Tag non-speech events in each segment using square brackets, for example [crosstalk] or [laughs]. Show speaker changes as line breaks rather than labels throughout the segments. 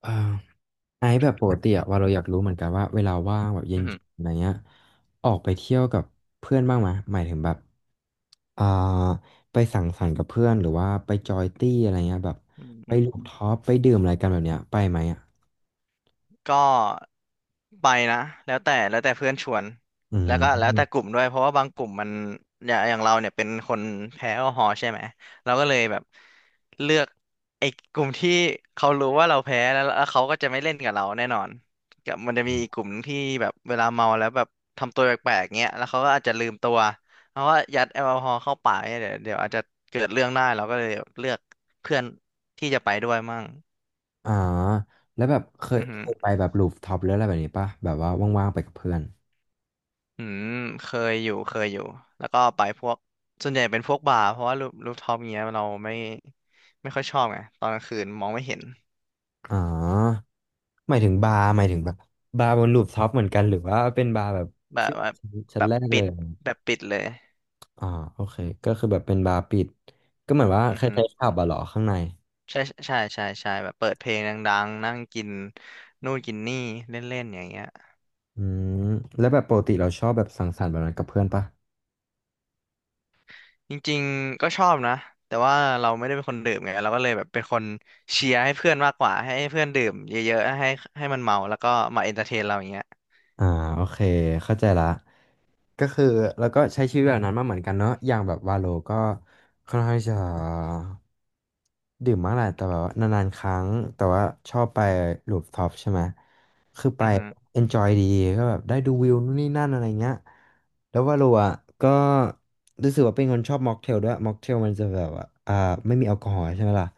เอ่อไอซ์แบบปกติอะว่าเราอยากรู้เหมือนกันว่าเวลาว่างแบบเย็
อื
น
อหือ
ๆอะไรเงี้ยออกไปเที่ยวกับเพื่อนบ้างไหมหมายถึงแบบอ่าไปสังสรรค์กับเพื่อนหรือว่าไปจอยตี้อะไรเงี้ยแบบ
อื
ไปลูฟ
ม
ท็อปไปดื่มอะไรกันแบบเนี้ยไปไหมอ่ะ
ก็ไปนะแล้วแต่เพื่อนชวน
อื
แล้ว
ม
ก็แล้วแต่กลุ่มด้วยเพราะว่าบางกลุ่มมันอย่างเราเนี่ยเป็นคนแพ้แอลกอฮอล์ใช่ไหมเราก็เลยแบบเลือกไอ้กลุ่มที่เขารู้ว่าเราแพ้แล้วแล้วเขาก็จะไม่เล่นกับเราแน่นอนกับมันจะมีอีกกลุ่มที่แบบเวลาเมาแล้วแบบทำตัวแปลกๆเงี้ยแล้วเขาก็อาจจะลืมตัวเพราะว่ายัดแอลกอฮอล์เข้าปากเนี่ยเดี๋ยวอาจจะเกิดเรื่องได้เราก็เลยเลือกเพื่อนที่จะไปด้วยมั่ง
อ่าแล้วแบบเคย
อือฮึ
เคยไปแบบลูฟท็อปหรืออะไรแบบนี้ป่ะแบบว่าว่างๆไปกับเพื่อน
อืมเคยอยู่แล้วก็ไปพวกส่วนใหญ่เป็นพวกบาร์เพราะว่ารูปท็อปเงี้ยเราไม่ค่อยชอบไงตอนกลางคืนมองไม่เห็น
อ๋อหมายถึงบาร์หมายถึงแบบบาร์บนลูฟท็อปเหมือนกันหรือว่าเป็นบาร์แบบ
แบบ
ที่
ว่า
ชั้
แบ
น
บ
แรกเล
ปิด
ย
แบบปิดเลย
อ่าโอเคก็คือแบบเป็นบาร์ปิดก็เหมือนว่า
อื
ค
อฮึ
ล้ายๆผับอะเหรอข้างใน
ใช่ใช่ใช่ใช่แบบเปิดเพลงดังๆนั่งกินนู่นกินนี่เล่นๆอย่างเงี้ย
อืมแล้วแบบปกติเราชอบแบบสังสรรค์แบบนั้นกับเพื่อนปะ
จริงๆก็ชอบนะแต่ว่าเราไม่ได้เป็นคนดื่มไงเราก็เลยแบบเป็นคนเชียร์ให้เพื่อนมากกว่าให้เพื่อนดื่มเยอะๆให้มันเมาแล้วก็มาเอนเตอร์เทนเราอย่างเงี้ย
อ่าโอเคเข้าใจละ ก็คือแล้วก็ใช้ชีวิตแบบนั้นมาเหมือนกันเนอะอย่างแบบวาโลก็ค่อนข้างจะดื่มมากแหละแต่แบบว่านานๆครั้งแต่ว่าชอบไปรูฟท็อปใช่ไหมคือไป
อือฮึ
enjoy ดีก็แบบได้ดูวิวนู่นนี่นั่นอะไรเงี้ยแล้ววาโลอ่ะก็รู้สึกว่าเป็นคนชอบม็อกเทลด้วยม็อกเทลมันจะแบบว่าไม่มีแอลกอฮอล์ใช่ไหมล่ะ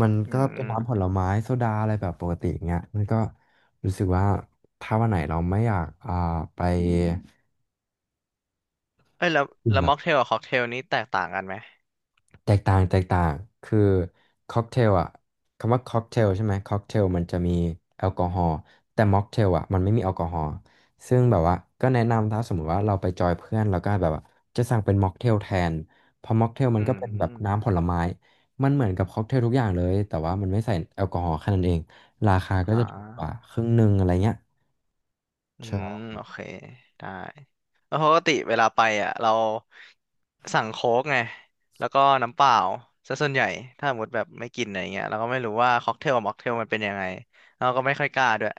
มัน
อื
ก็เป็น
ม
น้ำผลไม้โซดาอะไรแบบปกติอย่างเงี้ยมันก็รู้สึกว่าถ้าวันไหนเราไม่อยากไป
เอ้ยแล้ว
ดื่ม
แล้ว
แบ
ม็
บ
อกเทลกับค็อกเทลนี้แตกต่างกันไหม
แตกต่างคือค็อกเทลอ่ะคำว่าค็อกเทลใช่ไหมค็อกเทลมันจะมีแอลกอฮอล์แต่ม็อกเทลอ่ะมันไม่มีแอลกอฮอล์ซึ่งแบบว่าก็แนะนำถ้าสมมติว่าเราไปจอยเพื่อนแล้วก็แบบว่าจะสั่งเป็นม็อกเทลแทนเพราะม็อกเทลมั
อื
นก็เป็นแบบน้ำผ
ม
ลไม้มันเหมือนกับค็อกเทลทุกอย่างเลยแต่ว่ามันไม่ใส่แอลกอฮอล์แค่นั้นเองราคาก็
อ่
จะถูกกว่า
า
ครึ่งหนึ่งอะไรเงี้ย
อืม
ใช่
โอเคได้แล้วปกติเวลาไปอ่ะเราสั่งโค้กไงแล้วก็น้ำเปล่าซะส่วนใหญ่ถ้าสมมติแบบไม่กินอะไรเงี้ยเราก็ไม่รู้ว่าค็อกเทลกับม็อกเทลมันเป็นยังไงเราก็ไม่ค่อยกล้าด้วย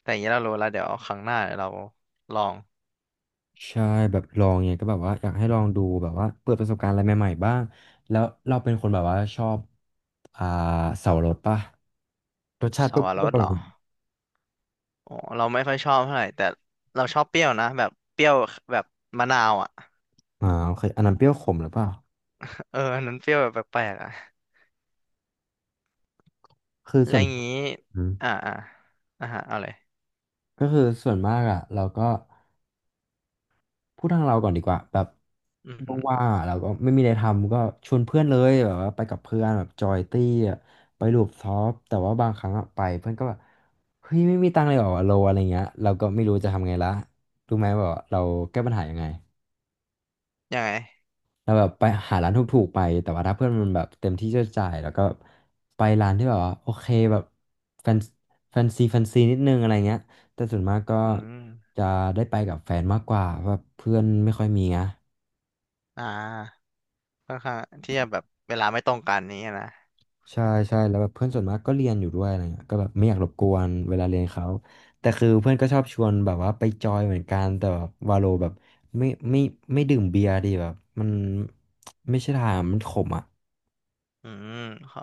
แต่อย่างนี้เรารู้แล้วเดี๋ยวครั้งหน้าเดี๋ยวเราลอง
ใช่แบบลองเนี่ยก็แบบว่าอยากให้ลองดูแบบว่าเปิดประสบการณ์อะไรใหม่ๆบ้างแล้วเราเป็นคนแบบว่าชอบ อ่าเสาวรสป่ะรสชา
ส
ติเปรี
วร
้ย
ส
ว
เหรออ๋อเราไม่ค่อยชอบเท่าไหร่แต่เราชอบเปรี้ยวนะแบบเปรี้ยวแบบมะนาวอ่ะ
ๆอ่าโอเคอันนั้นเปรี้ยวขมหรือเปล่า
[laughs] เอออันนั้นเปรี้ยวแบบแปลกๆอ่ะ
คือ
แล้
ส่
ว
วน
อย่างงี้
อืม
อ่าอ่าฮะเอาเลย
ก็คือส่วนมากอ่ะเราก็พูดทางเราก่อนดีกว่าแบบ
อือหือ
ว่างๆอะเราก็ไม่มีอะไรทำก็ชวนเพื่อนเลยแบบว่าไปกับเพื่อนแบบจอยตี้อะไปรูปท็อปแต่ว่าบางครั้งอะไปเพื่อนก็แบบเฮ้ยไม่มีตังค์เลยเหรอวะโลอะไรเงี้ยเราก็ไม่รู้จะทำไงละรู้ไหมว่าเราแก้ปัญหายังไง
ยังไง
เราแบบไปหาร้านถูกๆไปแต่ว่าถ้าเพื่อนมันแบบเต็มที่จะจ่ายแล้วก็ไปร้านที่แบบว่าโอเคแบบแฟนแฟนซีนิดนึงอะไรเงี้ยแต่ส่วนมากก็
อืม
จะได้ไปกับแฟนมากกว่าเพราะว่าเพื่อนไม่ค่อยมีนะ
อ่าค่อนข้างที่จะแบบเวลาไม่ตรงกันนี้นะ
ใช่ใช่แล้วแบบเพื่อนส่วนมากก็เรียนอยู่ด้วยอะไรเงี้ยก็แบบไม่อยากรบกวนเวลาเรียนเขาแต่คือเพื่อนก็ชอบชวนแบบว่าไปจอยเหมือนกันแต่แบบวาโลแบบไม่ไม่ไม่ดื่มเบียร์ดีแบบมันไม่ใช่ทางมันขมอ่ะ
อืมขอ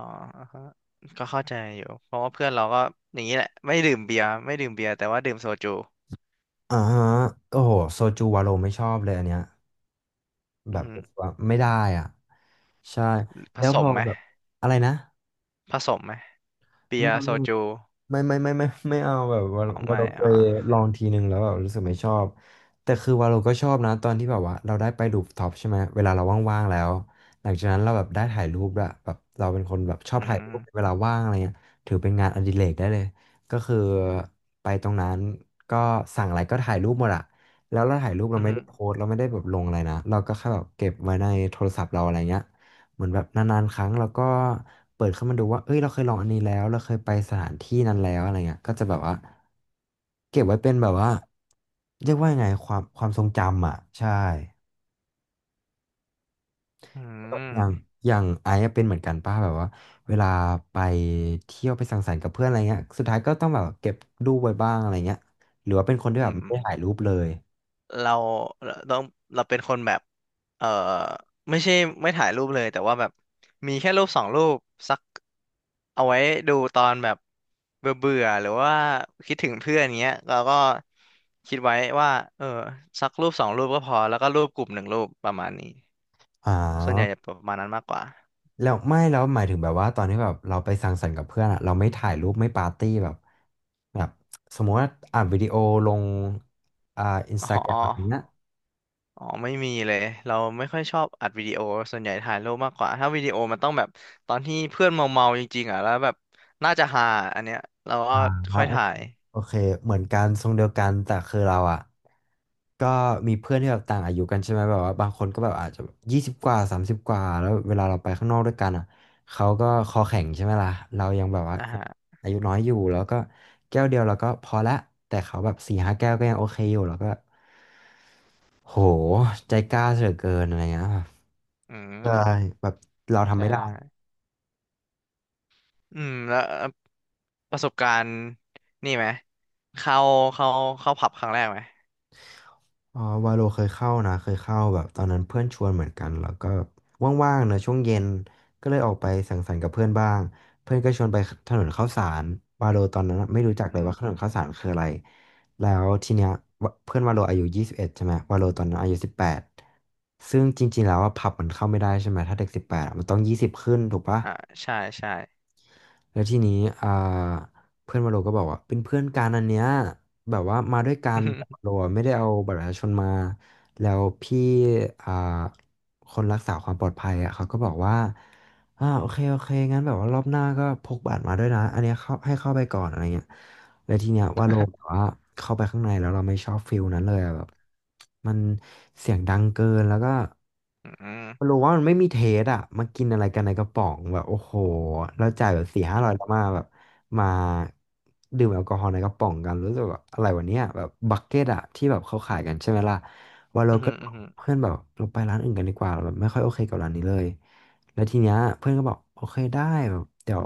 ก็เข้าใจอยู่เพราะว่าเพื่อนเราก็อย่างนี้แหละไม่ดื่มเบียร์แต่ว่าดื่มโซจู
อ่าฮะโอ้โหโซจูวาโรไม่ชอบเลยอันเนี้ยแบ
อือ
บ
หือ
ว่าไม่ได้อ่ะใช่
ผ
แล้ว
ส
พ
ม
อ
ไหม
แบบอะไรนะ
ผสมไหมเบียร์
ไม่
โซจู
ไม่ไม่เอาแบบว่า
อ๋อ
ว่า
ไม่
เราเค
อ่า
ยลองทีนึงแล้วแบบรู้สึกไม่ชอบแต่คือว่าเราก็ชอบนะตอนที่แบบว่าเราได้ไปรูฟท็อปใช่ไหมเวลาเราว่างๆแล้วหลังจากนั้นเราแบบได้ถ่ายรูปด้วยแบบเราเป็นคนแบบชอบ
อื
ถ่ายรู
ม
ปเวลาว่างอะไรเงี้ยถือเป็นงานอดิเรกได้เลยก็คือไปตรงนั้นก็สั่งอะไรก็ถ่ายรูปหมดอะแล้วเราถ่ายรูปเรา
อือ
ไม่
หื
ได้
อ
โพสต์เราไม่ได้แบบลงอะไรนะเราก็แค่แบบเก็บไว้ในโทรศัพท์เราอะไรเงี้ย เหมือนแบบนานๆครั้งเราก็เปิดเข้ามาดูว่าเอ้ยเราเคยลองอันนี้แล้วเราเคยไปสถานที่นั้นแล้วอะไรเงี้ยก็จะแบบว่าเก็บไว้เป็นแบบว่าเรียกว่ายังไงความทรงจำอ่ะใช่
อื
อย่าง
ม
อย่างไอซ์อะเป็นเหมือนกันป้าแบบว่าเวลาไปเที่ยวไปสังสรรค์กับเพื่อนอะไรเงี้ยสุดท้ายก็ต้องแบบเก็บรูปไว้บ้างอะไรเงี้ยหรือว่าเป็นคนที่แบ
อื
บไม่
ม
ได้ถ่ายรูปเลย
เราเราต้องเราเป็นคนแบบเออไม่ใช่ไม่ถ่ายรูปเลยแต่ว่าแบบมีแค่รูปสองรูปสักเอาไว้ดูตอนแบบเบื่อเบื่อหรือว่าคิดถึงเพื่อนเงี้ยเราก็คิดไว้ว่าเออสักรูปสองรูปก็พอแล้วก็รูปกลุ่มหนึ่งรูปประมาณนี้
อ๋อ
ส่วนใหญ่จะประมาณนั้นมากกว่า
แล้วไม่แล้วหมายถึงแบบว่าตอนที่แบบเราไปสังสรรค์กับเพื่อนอะเราไม่ถ่ายรูปไม่ปาร์ตี้แบบแบบสมมติว่าอัดวิดีโอลงอ่าอินส
อ๋
ตาแกรมแบบเนี้ย
อ อ๋อไม่มีเลยเราไม่ค่อยชอบอัดวิดีโอส่วนใหญ่ถ่ายรูปมากกว่าถ้าวิดีโอมันต้องแบบตอนที่เพื่อนเมาเมาจริงๆอ่ะแล้วแบบน่าจะฮาอันเนี้ยเราก็
อ่า
ค่
ฮะ
อยถ่าย
โอเคเหมือนกันทรงเดียวกันแต่คือเราอะก็มีเพื่อนที่แบบต่างอายุกันใช่ไหมแบบว่าบางคนก็แบบอาจจะ20 กว่า 30 กว่าแล้วเวลาเราไปข้างนอกด้วยกันอะเขาก็คอแข็งใช่ไหมล่ะเรายังแบบว่า
อ่าฮะ
อายุน้อยอยู่แล้วก็แก้วเดียวเราก็พอละแต่เขาแบบ4-5 แก้วก็ยังโอเคอยู่แล้วก็ โหใจกล้าเสือเกินอะไรเงี้ยแบบ
อื
ใช่
ม
แบบเราทำ
ใช่
ไม่ได้
ได้อืมแล้วประสบการณ์นี่ไหมเข้าเข้าเข้าผับครั้งแรกไหม
อ๋อวาโลเคยเข้านะเคยเข้าแบบตอนนั้นเพื่อนชวนเหมือนกันแล้วก็ว่างๆเนอะช่วงเย็นก็เลยออกไปสังสรรค์กับเพื่อนบ้างเพื่อนก็ชวนไปถนนข้าวสารวาโลตอนนั้นไม่
อื
รู้
ม
จักเล
อื
ย
ม
ว่าถนนข้าวสารคืออะไรแล้วทีเนี้ยวะเพื่อนวาโลอายุ21ใช่ไหมวาโลตอนนั้นอายุสิบแปดซึ่งจริงๆแล้วว่าผับมันเข้าไม่ได้ใช่ไหมถ้าเด็กสิบแปดมันต้องยี่สิบขึ้นถูกปะ
อ่าใช่ใช่
แล้วทีนี้อ่าเพื่อนวาโลก็บอกว่าเป็นเพื่อนกันอันเนี้ยแบบว่ามาด้วยกันแต่วาโล
[laughs]
อะไม่ได้เอาบัตรประชาชนมาแล้วพี่อ่าคนรักษาความปลอดภัยอ่ะเขาก็บอกว่าโอเคโอเคงั้นแบบว่ารอบหน้าก็พกบัตรมาด้วยนะอันเนี้ยเข้าให้เข้าไปก่อนอะไรเงี้ยแล้วทีเนี้ยว่าโลแบบว่าเข้าไปข้างในแล้วเราไม่ชอบฟิลนั้นเลยอะแบบมันเสียงดังเกินแล้วก็
อืมอืม
มันรู้ว่ามันไม่มีเทสอ่ะมากินอะไรกันในกระป๋องแบบโอ้โหเราจ่ายแบบสี่ห้า
อื
ร้
ม
อยแล้วมาแบบมาดื่มแอลกอฮอล์ในกระป๋องกันรู้สึกแบบอะไรวันเนี้ยแบบบักเก็ตอ่ะที่แบบเขาขายกันใช่ไหมล่ะว่าเรา
อื
ก็
ม
บ
อื
อก
ม
เพื่อนแบบเราไปร้านอื่นกันดีกว่าเราแบบไม่ค่อยโอเคกับร้านนี้เลยแล้วทีเนี้ยเพื่อนก็บอกโอเคได้แบบเดี๋ยว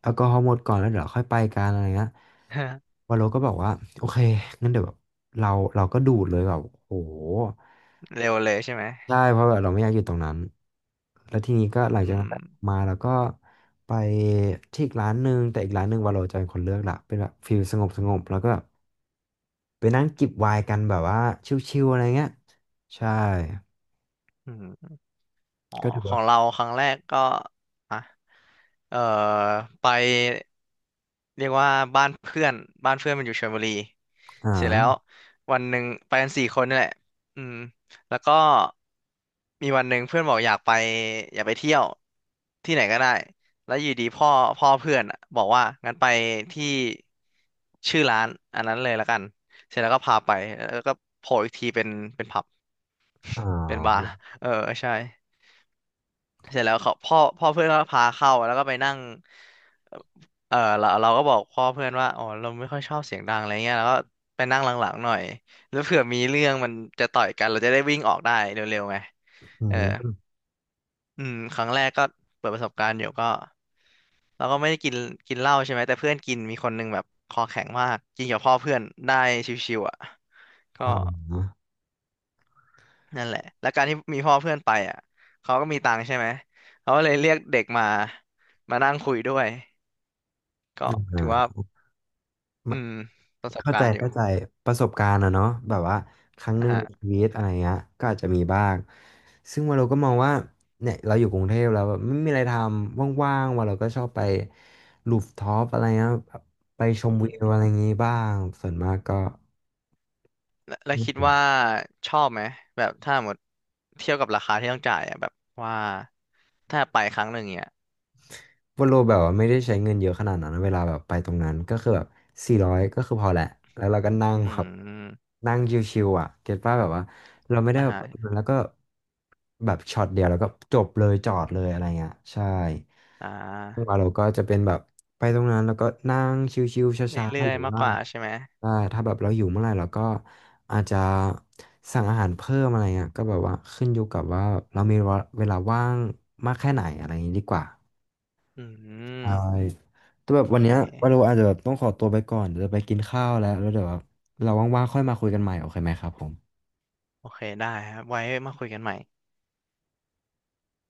แอลกอฮอล์หมดก่อนแล้วเดี๋ยวเราค่อยไปกันอะไรเงี้ย
[laughs]
วาโลก็บอกว่าโอเคงั้นเดี๋ยวแบบเราเราก็ดูดเลยแบบโอ้โห
เร็วเลยใช่ไหม
ใช่เพราะแบบเราไม่อยากอยู่ตรงนั้นแล้วทีนี้ก็หลัง
อื
จากนั้น
ม
มาแล้วก็ไปที่อีกร้านหนึ่งแต่อีกร้านหนึ่งวาโลจะเป็นคนเลือกละเป็นแบบฟิลสงบสงบแล้วก็แบบไปนั่งจิบไวน์กันแบบว่าชิลๆอะไรเงี้ยใช่
อืม อ๋อ
ก็ถือ
ขอ
ว่า
งเราครั้งแรกก็อ่ะเอ่อไปเรียกว่าบ้านเพื่อนบ้านเพื่อนมันอยู่ชลบุรี
อ่า
เสร็จแล้ววันหนึ่งไปกันสี่คนนี่แหละอืมแล้วก็มีวันหนึ่งเพื่อนบอกอยากไปอยากไปเที่ยวที่ไหนก็ได้แล้วอยู่ดีพ่อเพื่อนอะบอกว่างั้นไปที่ชื่อร้านอันนั้นเลยละกันเสร็จแล้วก็พาไปแล้วก็โผล่อีกทีเป็นผับ
อ่
เป็นบาร์
า
เออใช่ เสร็จแล้วเขาพ่อเพื่อนก็พาเข้าแล้วก็ไปนั่งเออเราก็บอกพ่อเพื่อนว่าอ๋อเราไม่ค่อยชอบเสียงดังอะไรเงี้ยแล้วก็ไปนั่งหลังๆหน่อยแล้วเผื่อมีเรื่องมันจะต่อยกันเราจะได้วิ่งออกได้เร็วๆไง
อื
เออ
ม
อืมครั้งแรกก็เปิดประสบการณ์อยู่ก็เราก็ไม่ได้กินกินเหล้าใช่ไหมแต่เพื่อนกินมีคนหนึงแบบคอแข็งมากกินกับพ่อเพื่อนได้ชิวๆอ่ะก็นั่นแหละแล้วการที่มีพ่อเพื่อนไปอ่ะเขาก็มีตังค์ใช่ไหมเขาก็เลยเรียกเด็กมามานั่งคุยด้วย ก็ถือว่า
อ่า
อื
มะ
มประสบ
เข้า
กา
ใจ
รณ์อยู่
เข้าใจประสบการณ์อะเนาะแบบว่าครั้งห
นะ
นึ่ง
ฮะ
ในชีวิตอะไรเงี้ยก็อาจจะมีบ้างซึ่งว่าเราก็มองว่าเนี่ยเราอยู่กรุงเทพแล้วแบบไม่มีอะไรทำว่างๆว่าเราก็ชอบไปลูฟท็อปอะไรเงี้ยไปชม
อื
วิวอะ
ม
ไรอย่างงี้บ้างส่วนมากก็
แล้วคิดว่าชอบไหมแบบถ้าหมดเทียบกับราคาที่ต้องจ่ายอ่ะแบบว่าถ้าไปครั้งหนึ่งเนี่ย
วอลโลแบบว่าไม่ได้ใช้เงินเยอะขนาดนั้นนะเวลาแบบไปตรงนั้นก็คือแบบ400ก็คือพอแหละแล้วเราก็นั่ง
อื
แบบ
ม
นั่งชิวๆอ่ะเก็ตป่ะแบบว่าเราไม่ได้
อ่า
แบบ
ฮะ
ไปตรงนั้นแล้วก็แบบช็อตเดียวแล้วก็จบเลยจอดเลยอะไรเงี้ยใช่
อ่า
ไปตรงนั้นแล้วก็นั่งชิวๆช
เ
้า
รื่
ๆ
อ
ห
ย
รือ
ๆมาก
ว่า
กว่าใช่ไหม
ใช่ถ้าแบบเราอยู่เมื่อไหร่เราก็อาจจะสั่งอาหารเพิ่มอะไรเงี้ยก็แบบว่าขึ้นอยู่กับว่าเรามีเวลาว่างมากแค่ไหนอะไรอย่างนี้ดีกว่า
อืม
ใช่แต่แบบ
โอ
วัน
เค
เนี้ยวันเราอาจจะแบบต้องขอตัวไปก่อน เดี๋ยวจะไปกินข้าวแล้วแล้วเดี๋ยวแบบเราว่างๆค่อยมาคุยกันใหม่โอเคไหมครับผม
โอเคได้ครับไว้มาคุยกันใหม่